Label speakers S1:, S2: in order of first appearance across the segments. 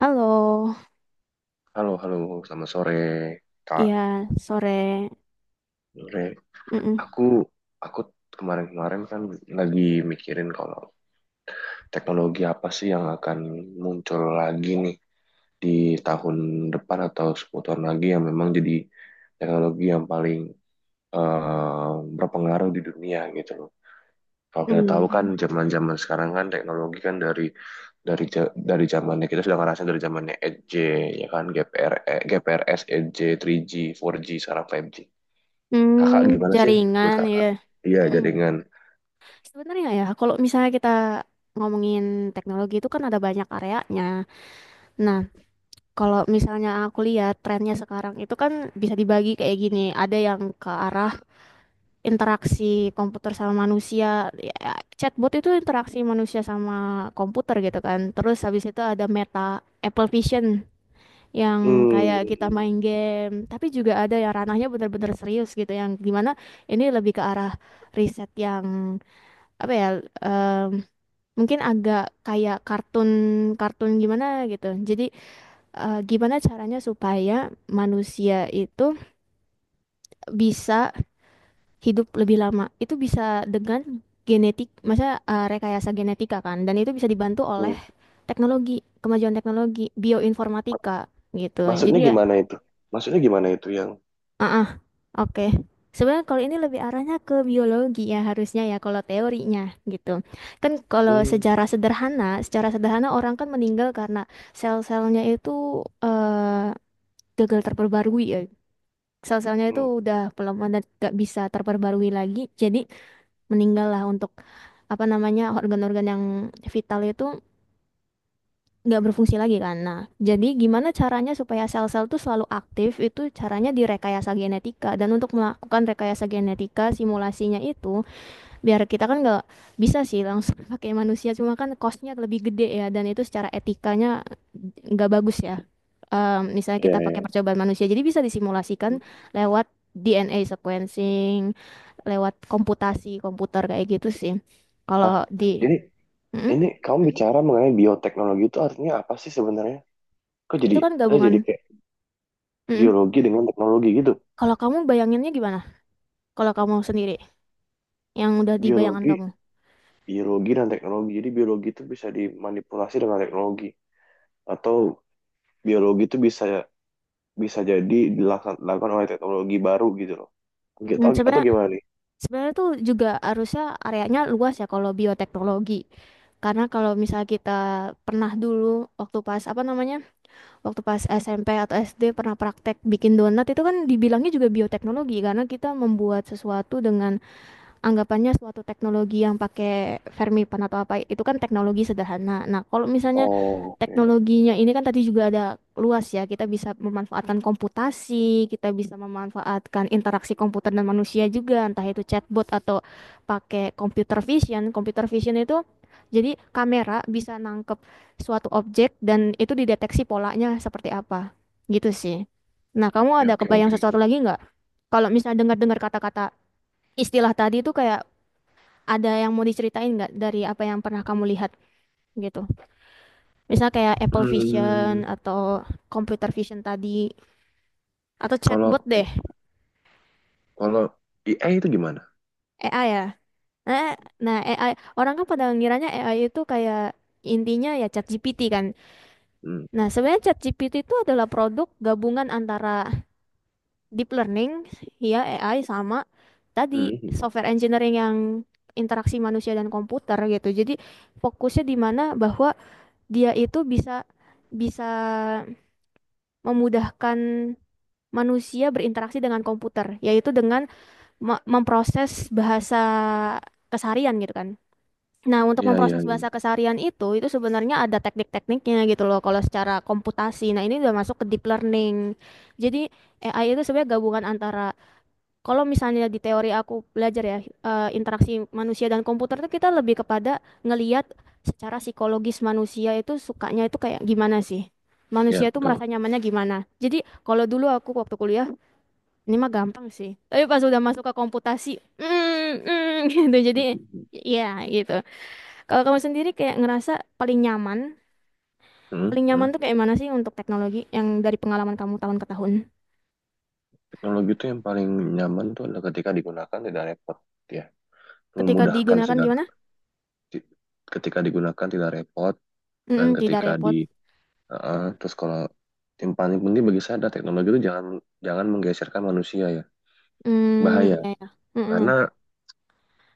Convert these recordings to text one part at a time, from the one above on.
S1: Halo,
S2: Halo, halo, selamat sore, Kak.
S1: iya sore.
S2: Sore.
S1: Mm-mm.
S2: Aku, aku kemarin-kemarin kan lagi mikirin kalau teknologi apa sih yang akan muncul lagi nih di tahun depan atau 10 tahun lagi yang memang jadi teknologi yang paling berpengaruh di dunia gitu loh. Kalau kita tahu kan
S1: Mm.
S2: zaman-zaman sekarang kan teknologi kan dari zamannya kita sudah ngerasain dari zamannya 8G ya kan GPRS 8G 3G 4G sekarang 5G. Kakak gimana sih menurut
S1: Jaringan
S2: kakak?
S1: ya.
S2: Iya,
S1: Mm.
S2: jaringan.
S1: Sebenarnya ya, kalau misalnya kita ngomongin teknologi itu kan ada banyak areanya. Nah, kalau misalnya aku lihat trennya sekarang itu kan bisa dibagi kayak gini. Ada yang ke arah interaksi komputer sama manusia. Ya, chatbot itu interaksi manusia sama komputer gitu kan. Terus habis itu ada Meta Apple Vision. Yang kayak kita
S2: Hmm,
S1: main game, tapi juga ada yang ranahnya benar-benar serius gitu, yang dimana ini lebih ke arah riset yang apa ya, em, mungkin agak kayak kartun-kartun gimana gitu. Jadi gimana caranya supaya manusia itu bisa hidup lebih lama? Itu bisa dengan genetik, masa rekayasa genetika kan, dan itu bisa dibantu oleh
S2: hmm.
S1: teknologi, kemajuan teknologi, bioinformatika gitu.
S2: Maksudnya
S1: Jadi ya.
S2: gimana itu? Maksudnya gimana itu yang?
S1: Oke, sebenarnya kalau ini lebih arahnya ke biologi ya harusnya ya kalau teorinya gitu. Kan kalau
S2: Hmm,
S1: sejarah sederhana, secara sederhana orang kan meninggal karena sel-selnya itu eh, gagal terperbarui ya. Sel-selnya itu
S2: hmm.
S1: udah pelemah dan gak bisa terperbarui lagi, jadi meninggallah untuk apa namanya organ-organ yang vital itu nggak berfungsi lagi kan. Nah, jadi gimana caranya supaya sel-sel tuh selalu aktif itu caranya direkayasa genetika. Dan untuk melakukan rekayasa genetika simulasinya itu biar kita kan nggak bisa sih langsung pakai manusia cuma kan costnya lebih gede ya dan itu secara etikanya nggak bagus ya. Misalnya
S2: Iya,
S1: kita pakai
S2: iya.
S1: percobaan manusia, jadi bisa
S2: Hmm.
S1: disimulasikan lewat DNA sequencing, lewat komputasi komputer kayak gitu sih.
S2: Hah,
S1: Kalau di
S2: ini
S1: Mm-mm.
S2: ini kamu bicara mengenai bioteknologi itu artinya apa sih sebenarnya? Kok jadi.
S1: Itu kan
S2: Ah,
S1: gabungan.
S2: jadi kayak
S1: Mm-mm.
S2: biologi dengan teknologi gitu?
S1: Kalau kamu bayanginnya gimana? Kalau kamu sendiri, yang udah di bayangan
S2: Biologi,
S1: kamu.
S2: biologi dan teknologi. Jadi biologi itu bisa dimanipulasi dengan teknologi, atau biologi itu bisa bisa jadi dilakukan dilakukan oleh teknologi baru gitu loh. Gitu,
S1: Hmm,
S2: atau
S1: sebenarnya
S2: gimana nih?
S1: sebenarnya tuh juga harusnya areanya luas ya kalau bioteknologi. Karena kalau misal kita pernah dulu waktu pas apa namanya? Waktu pas SMP atau SD pernah praktek bikin donat itu kan dibilangnya juga bioteknologi karena kita membuat sesuatu dengan anggapannya suatu teknologi yang pakai Fermipan atau apa itu kan teknologi sederhana. Nah, kalau misalnya
S2: Oh, oke.
S1: teknologinya ini kan tadi juga ada luas ya, kita bisa memanfaatkan komputasi, kita bisa memanfaatkan interaksi komputer dan manusia juga, entah itu chatbot atau pakai computer vision. Computer vision itu jadi kamera bisa nangkep suatu objek dan itu dideteksi polanya seperti apa. Gitu sih. Nah, kamu
S2: Ya,
S1: ada
S2: oke,
S1: kebayang
S2: oke.
S1: sesuatu lagi nggak? Kalau misalnya dengar-dengar kata-kata istilah tadi itu kayak ada yang mau diceritain nggak dari apa yang pernah kamu lihat gitu? Misal kayak Apple Vision
S2: Hmm,
S1: atau computer vision tadi atau
S2: kalau
S1: chatbot deh,
S2: kalau IA itu gimana?
S1: AI ya. Nah, AI orang kan pada ngiranya AI itu kayak intinya ya ChatGPT kan.
S2: Hmm,
S1: Nah, sebenarnya ChatGPT itu adalah produk gabungan antara deep learning ya AI sama tadi
S2: hmm, hmm.
S1: software engineering yang interaksi manusia dan komputer gitu. Jadi fokusnya di mana bahwa dia itu bisa bisa memudahkan manusia berinteraksi dengan komputer, yaitu dengan memproses bahasa keseharian gitu kan. Nah, untuk
S2: Ya,
S1: memproses
S2: ya,
S1: bahasa keseharian itu sebenarnya ada teknik-tekniknya gitu loh kalau secara komputasi. Nah, ini udah masuk ke deep learning. Jadi, AI itu sebenarnya gabungan antara kalau misalnya di teori aku belajar ya interaksi manusia dan komputer itu kita lebih kepada ngeliat secara psikologis manusia itu sukanya itu kayak gimana sih? Manusia
S2: ya,
S1: itu merasa
S2: betul.
S1: nyamannya gimana? Jadi kalau dulu aku waktu kuliah ini mah gampang sih. Tapi pas udah masuk ke komputasi, gitu. Jadi
S2: Hmm,
S1: ya gitu. Kalau kamu sendiri kayak ngerasa paling nyaman,
S2: hmm,
S1: paling nyaman
S2: hmm.
S1: tuh kayak mana sih untuk teknologi yang dari pengalaman kamu tahun ke tahun?
S2: Teknologi itu yang paling nyaman tuh adalah ketika digunakan tidak repot, ya,
S1: Ketika
S2: memudahkan
S1: digunakan
S2: segala.
S1: gimana?
S2: Ti- Ketika digunakan tidak repot
S1: Mm,
S2: dan
S1: mm, tidak
S2: ketika
S1: repot.
S2: di, heeh, terus kalau yang paling penting bagi saya adalah teknologi itu jangan jangan menggeserkan manusia ya,
S1: Mm,
S2: bahaya.
S1: ya, ya.
S2: Karena
S1: Mm-mm.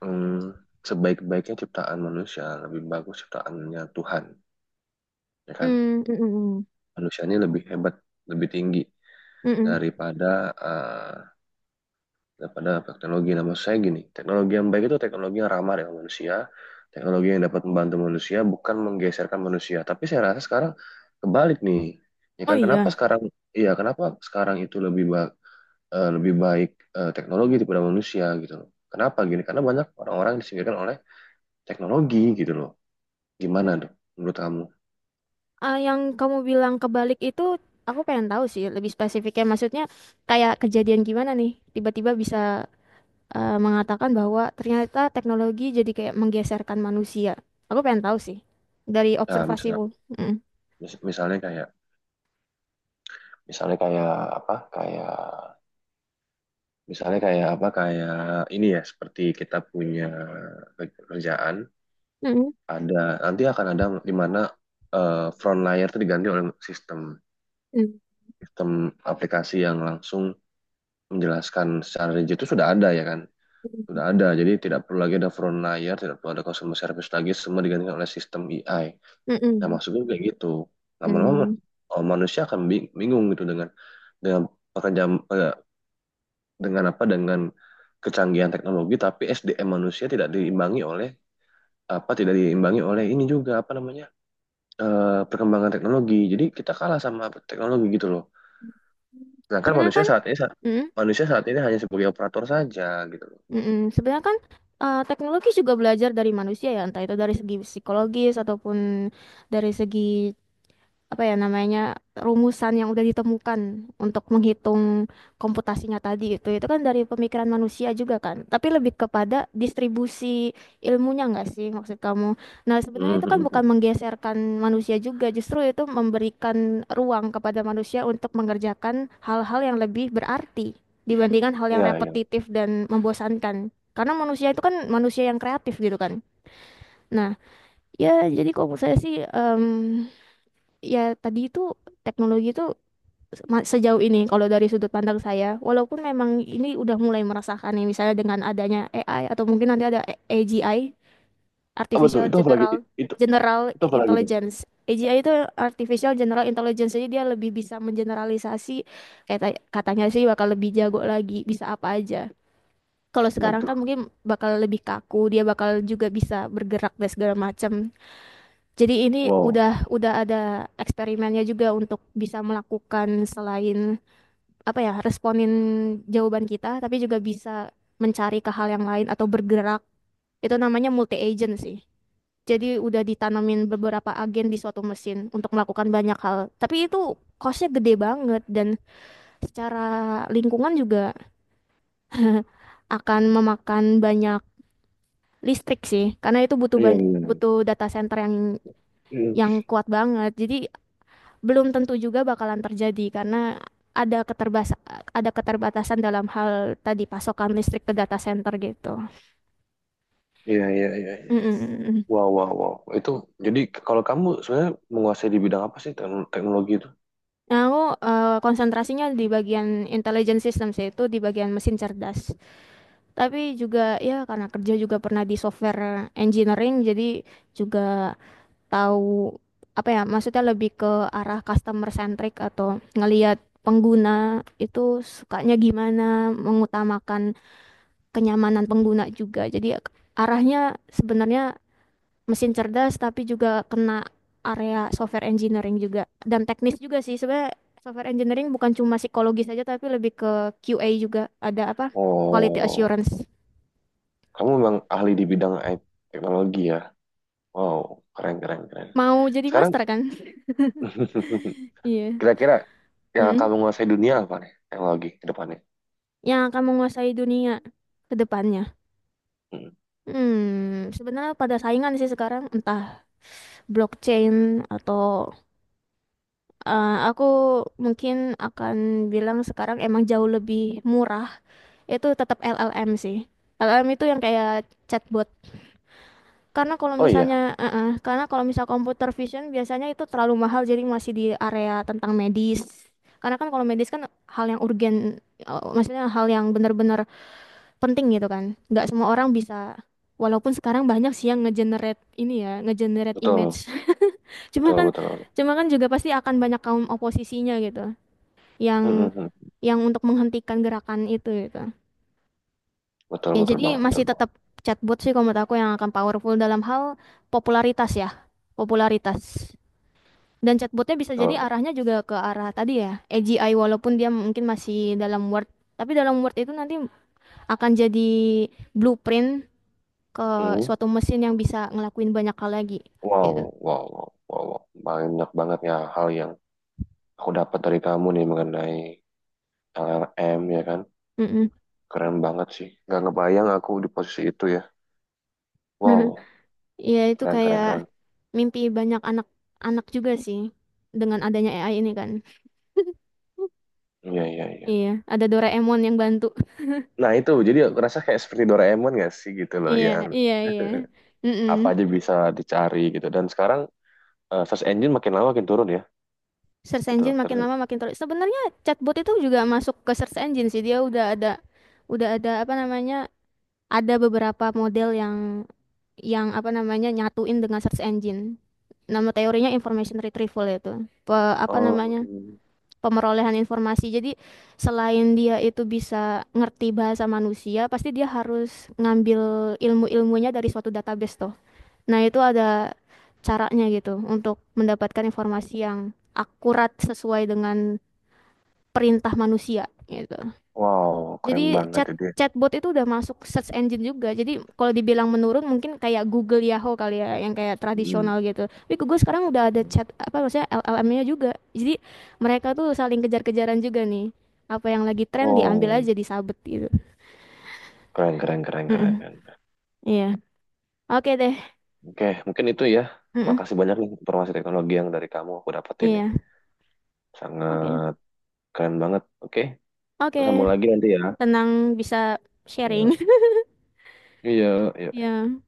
S2: hmm, sebaik-baiknya ciptaan manusia lebih bagus ciptaannya Tuhan, ya kan?
S1: Mm, mm, mm,
S2: Manusianya lebih hebat, lebih tinggi
S1: mm, mm, mm.
S2: daripada eh, daripada teknologi. Nah, maksud saya gini, teknologi yang baik itu teknologi yang ramah dengan manusia, teknologi yang dapat membantu manusia, bukan menggeserkan manusia. Tapi saya rasa sekarang kebalik nih. Ya
S1: Oh
S2: kan,
S1: iya.
S2: iya, kenapa sekarang itu lebih baik teknologi daripada manusia gitu loh. Kenapa gini? Karena banyak orang-orang yang disingkirkan oleh teknologi gitu loh. Gimana tuh menurut kamu?
S1: Ah, yang kamu bilang kebalik itu aku pengen tahu sih lebih spesifiknya. Maksudnya kayak kejadian gimana nih? Tiba-tiba bisa mengatakan bahwa ternyata teknologi jadi kayak menggeserkan manusia. Aku pengen tahu sih dari
S2: Nah, misalnya,
S1: observasimu. Mm.
S2: mis- misalnya kayak, misalnya kayak apa? Kayak. Misalnya kayak apa, kayak ini ya, seperti kita punya kerjaan,
S1: Mm-mm.
S2: ada nanti akan ada di mana front layer itu diganti oleh sistem
S1: Mm.
S2: sistem aplikasi yang langsung menjelaskan secara rigid itu sudah ada ya kan, sudah ada. Jadi tidak perlu lagi ada front layer, tidak perlu ada customer service lagi, semua digantikan oleh sistem AI. Nah,
S1: Mm-mm.
S2: maksudnya kayak gitu. Lama-lama
S1: Mm.
S2: oh, manusia akan bingung gitu dengan pekerjaan, dengan apa, dengan kecanggihan teknologi, tapi SDM manusia tidak diimbangi oleh apa, tidak diimbangi oleh ini juga apa namanya, perkembangan teknologi, jadi kita kalah sama teknologi gitu loh, sedangkan
S1: Sebenarnya
S2: manusia
S1: kan,
S2: saat ini
S1: mm,
S2: manusia saat ini hanya sebagai operator saja gitu loh.
S1: mm-mm. Sebenarnya kan teknologi juga belajar dari manusia ya, entah itu dari segi psikologis ataupun dari segi apa ya namanya rumusan yang udah ditemukan untuk menghitung komputasinya tadi itu kan dari pemikiran manusia juga kan, tapi lebih kepada distribusi ilmunya nggak sih maksud kamu. Nah, sebenarnya itu kan
S2: Mhm.
S1: bukan menggeserkan manusia juga, justru itu memberikan ruang kepada manusia untuk mengerjakan hal-hal yang lebih berarti dibandingkan hal yang
S2: Iya, iya.
S1: repetitif dan membosankan karena manusia itu kan manusia yang kreatif gitu kan. Nah, ya jadi kalau menurut saya sih ya tadi itu teknologi itu sejauh ini kalau dari sudut pandang saya walaupun memang ini udah mulai merasakan nih misalnya dengan adanya AI atau mungkin nanti ada AGI
S2: Oh, betul.
S1: artificial
S2: Itu apa lagi?
S1: general
S2: Itu,
S1: general
S2: itu apa lagi tuh?
S1: intelligence AGI itu artificial general intelligence jadi dia lebih bisa mengeneralisasi kayak katanya sih bakal lebih jago lagi bisa apa aja, kalau sekarang kan
S2: Waduh.
S1: mungkin bakal lebih kaku dia bakal juga bisa bergerak dan segala macam, jadi ini
S2: Wow.
S1: udah ada eksperimennya juga untuk bisa melakukan selain apa ya, responin jawaban kita, tapi juga bisa mencari ke hal yang lain atau bergerak. Itu namanya multi agent sih. Jadi udah ditanamin beberapa agen di suatu mesin untuk melakukan banyak hal. Tapi itu costnya gede banget dan secara lingkungan juga akan memakan banyak listrik sih, karena itu butuh
S2: Iya,
S1: banyak
S2: iya.
S1: butuh data center yang
S2: Hmm.
S1: yang kuat banget. Jadi belum tentu juga bakalan terjadi karena ada keterbas ada keterbatasan dalam hal tadi pasokan listrik ke data center gitu.
S2: Iya, iya, iya, iya.
S1: Mm-mm.
S2: Wow, wow, wow. Itu, jadi kalau kamu sebenarnya menguasai di bidang apa sih teknologi itu?
S1: Nah, aku konsentrasinya di bagian intelligent system sih, itu di bagian mesin cerdas. Tapi juga ya karena kerja juga pernah di software engineering jadi juga tahu apa ya maksudnya, lebih ke arah customer centric atau ngelihat pengguna itu sukanya gimana, mengutamakan kenyamanan pengguna juga. Jadi arahnya sebenarnya mesin cerdas tapi juga kena area software engineering juga dan teknis juga sih. Sebenarnya software engineering bukan cuma psikologis saja tapi lebih ke QA juga. Ada apa? Quality
S2: Oh.
S1: assurance.
S2: Kamu memang ahli di bidang IT teknologi ya. Wow, keren, keren, keren.
S1: Mau jadi
S2: Sekarang
S1: master kan? Iya.
S2: kira-kira yang akan
S1: Mm.
S2: menguasai dunia apa nih? Teknologi ke depannya.
S1: Yang akan menguasai dunia ke depannya.
S2: Hmm.
S1: Sebenarnya pada saingan sih sekarang entah blockchain atau aku mungkin akan bilang sekarang emang jauh lebih murah. Itu tetap LLM sih. LLM itu yang kayak chatbot.
S2: Oh iya,
S1: Karena kalau misal computer vision biasanya itu terlalu mahal, jadi masih di area tentang medis. Karena kan kalau medis kan hal yang urgen, maksudnya hal yang benar-benar penting gitu kan. Nggak semua orang bisa. Walaupun sekarang banyak sih yang ngegenerate ini ya, ngegenerate
S2: betul,
S1: image. Cuma
S2: betul,
S1: kan,
S2: betul.
S1: cuma kan juga pasti akan banyak kaum oposisinya gitu,
S2: Hmm,
S1: yang
S2: hmm, hmm.
S1: untuk menghentikan gerakan itu gitu.
S2: Betul,
S1: Ya
S2: betul
S1: jadi
S2: banget, betul
S1: masih
S2: banget.
S1: tetap chatbot sih kalau menurut aku yang akan powerful dalam hal popularitas ya, popularitas. Dan chatbotnya bisa jadi
S2: Betul.
S1: arahnya juga ke arah tadi ya, AGI walaupun dia mungkin masih dalam Word, tapi dalam Word itu nanti akan jadi blueprint ke
S2: Hmm.
S1: suatu mesin yang bisa ngelakuin banyak hal lagi.
S2: Wow,
S1: Gitu.
S2: wow, wow, wow, wow. Banyak banget ya hal yang aku dapat dari kamu nih mengenai L L M ya kan.
S1: Mm-mm.
S2: Keren banget sih. Gak ngebayang aku di posisi itu ya. Wow,
S1: Ya itu
S2: keren, keren,
S1: kayak
S2: keren.
S1: mimpi banyak anak-anak juga sih dengan adanya AI ini kan.
S2: Iya, iya, iya.
S1: Iya, ada Doraemon yang bantu.
S2: Nah, itu jadi rasa kayak seperti Doraemon gak sih gitu loh,
S1: Iya,
S2: yang
S1: iya, iya. Mm-mm.
S2: apa aja bisa dicari gitu, dan sekarang search engine makin lama makin turun ya
S1: Search
S2: gitu loh.
S1: engine makin
S2: Search-.
S1: lama makin terlalu. Sebenarnya chatbot itu juga masuk ke search engine sih. Dia udah ada apa namanya? Ada beberapa model yang apa namanya nyatuin dengan search engine. Nama teorinya information retrieval itu. Apa
S2: Oh,
S1: namanya? Pemerolehan informasi. Jadi selain dia itu bisa ngerti bahasa manusia, pasti dia harus ngambil ilmu-ilmunya dari suatu database. Nah, itu ada caranya gitu untuk mendapatkan informasi yang akurat sesuai dengan perintah manusia gitu.
S2: wow, keren
S1: Jadi
S2: banget
S1: chat
S2: itu dia.
S1: chatbot itu udah masuk search engine juga. Jadi kalau dibilang menurun mungkin kayak Google Yahoo kali ya yang kayak
S2: Mm.
S1: tradisional gitu. Tapi Google sekarang udah ada chat apa maksudnya LLM-nya juga. Jadi mereka tuh saling kejar-kejaran juga nih. Apa yang lagi tren diambil
S2: Oh,
S1: aja disabet gitu.
S2: keren, keren, keren,
S1: Mm-mm,
S2: keren, keren.
S1: iya. Oke deh.
S2: Oke, mungkin itu ya.
S1: Mm-mm,
S2: Makasih banyak nih informasi teknologi yang dari kamu aku dapetin nih.
S1: iya. Oke.
S2: Sangat keren banget. Oke,
S1: Oke.
S2: kita sambung lagi nanti ya.
S1: Tenang bisa sharing.
S2: Ya. Iya, iya.
S1: Iya.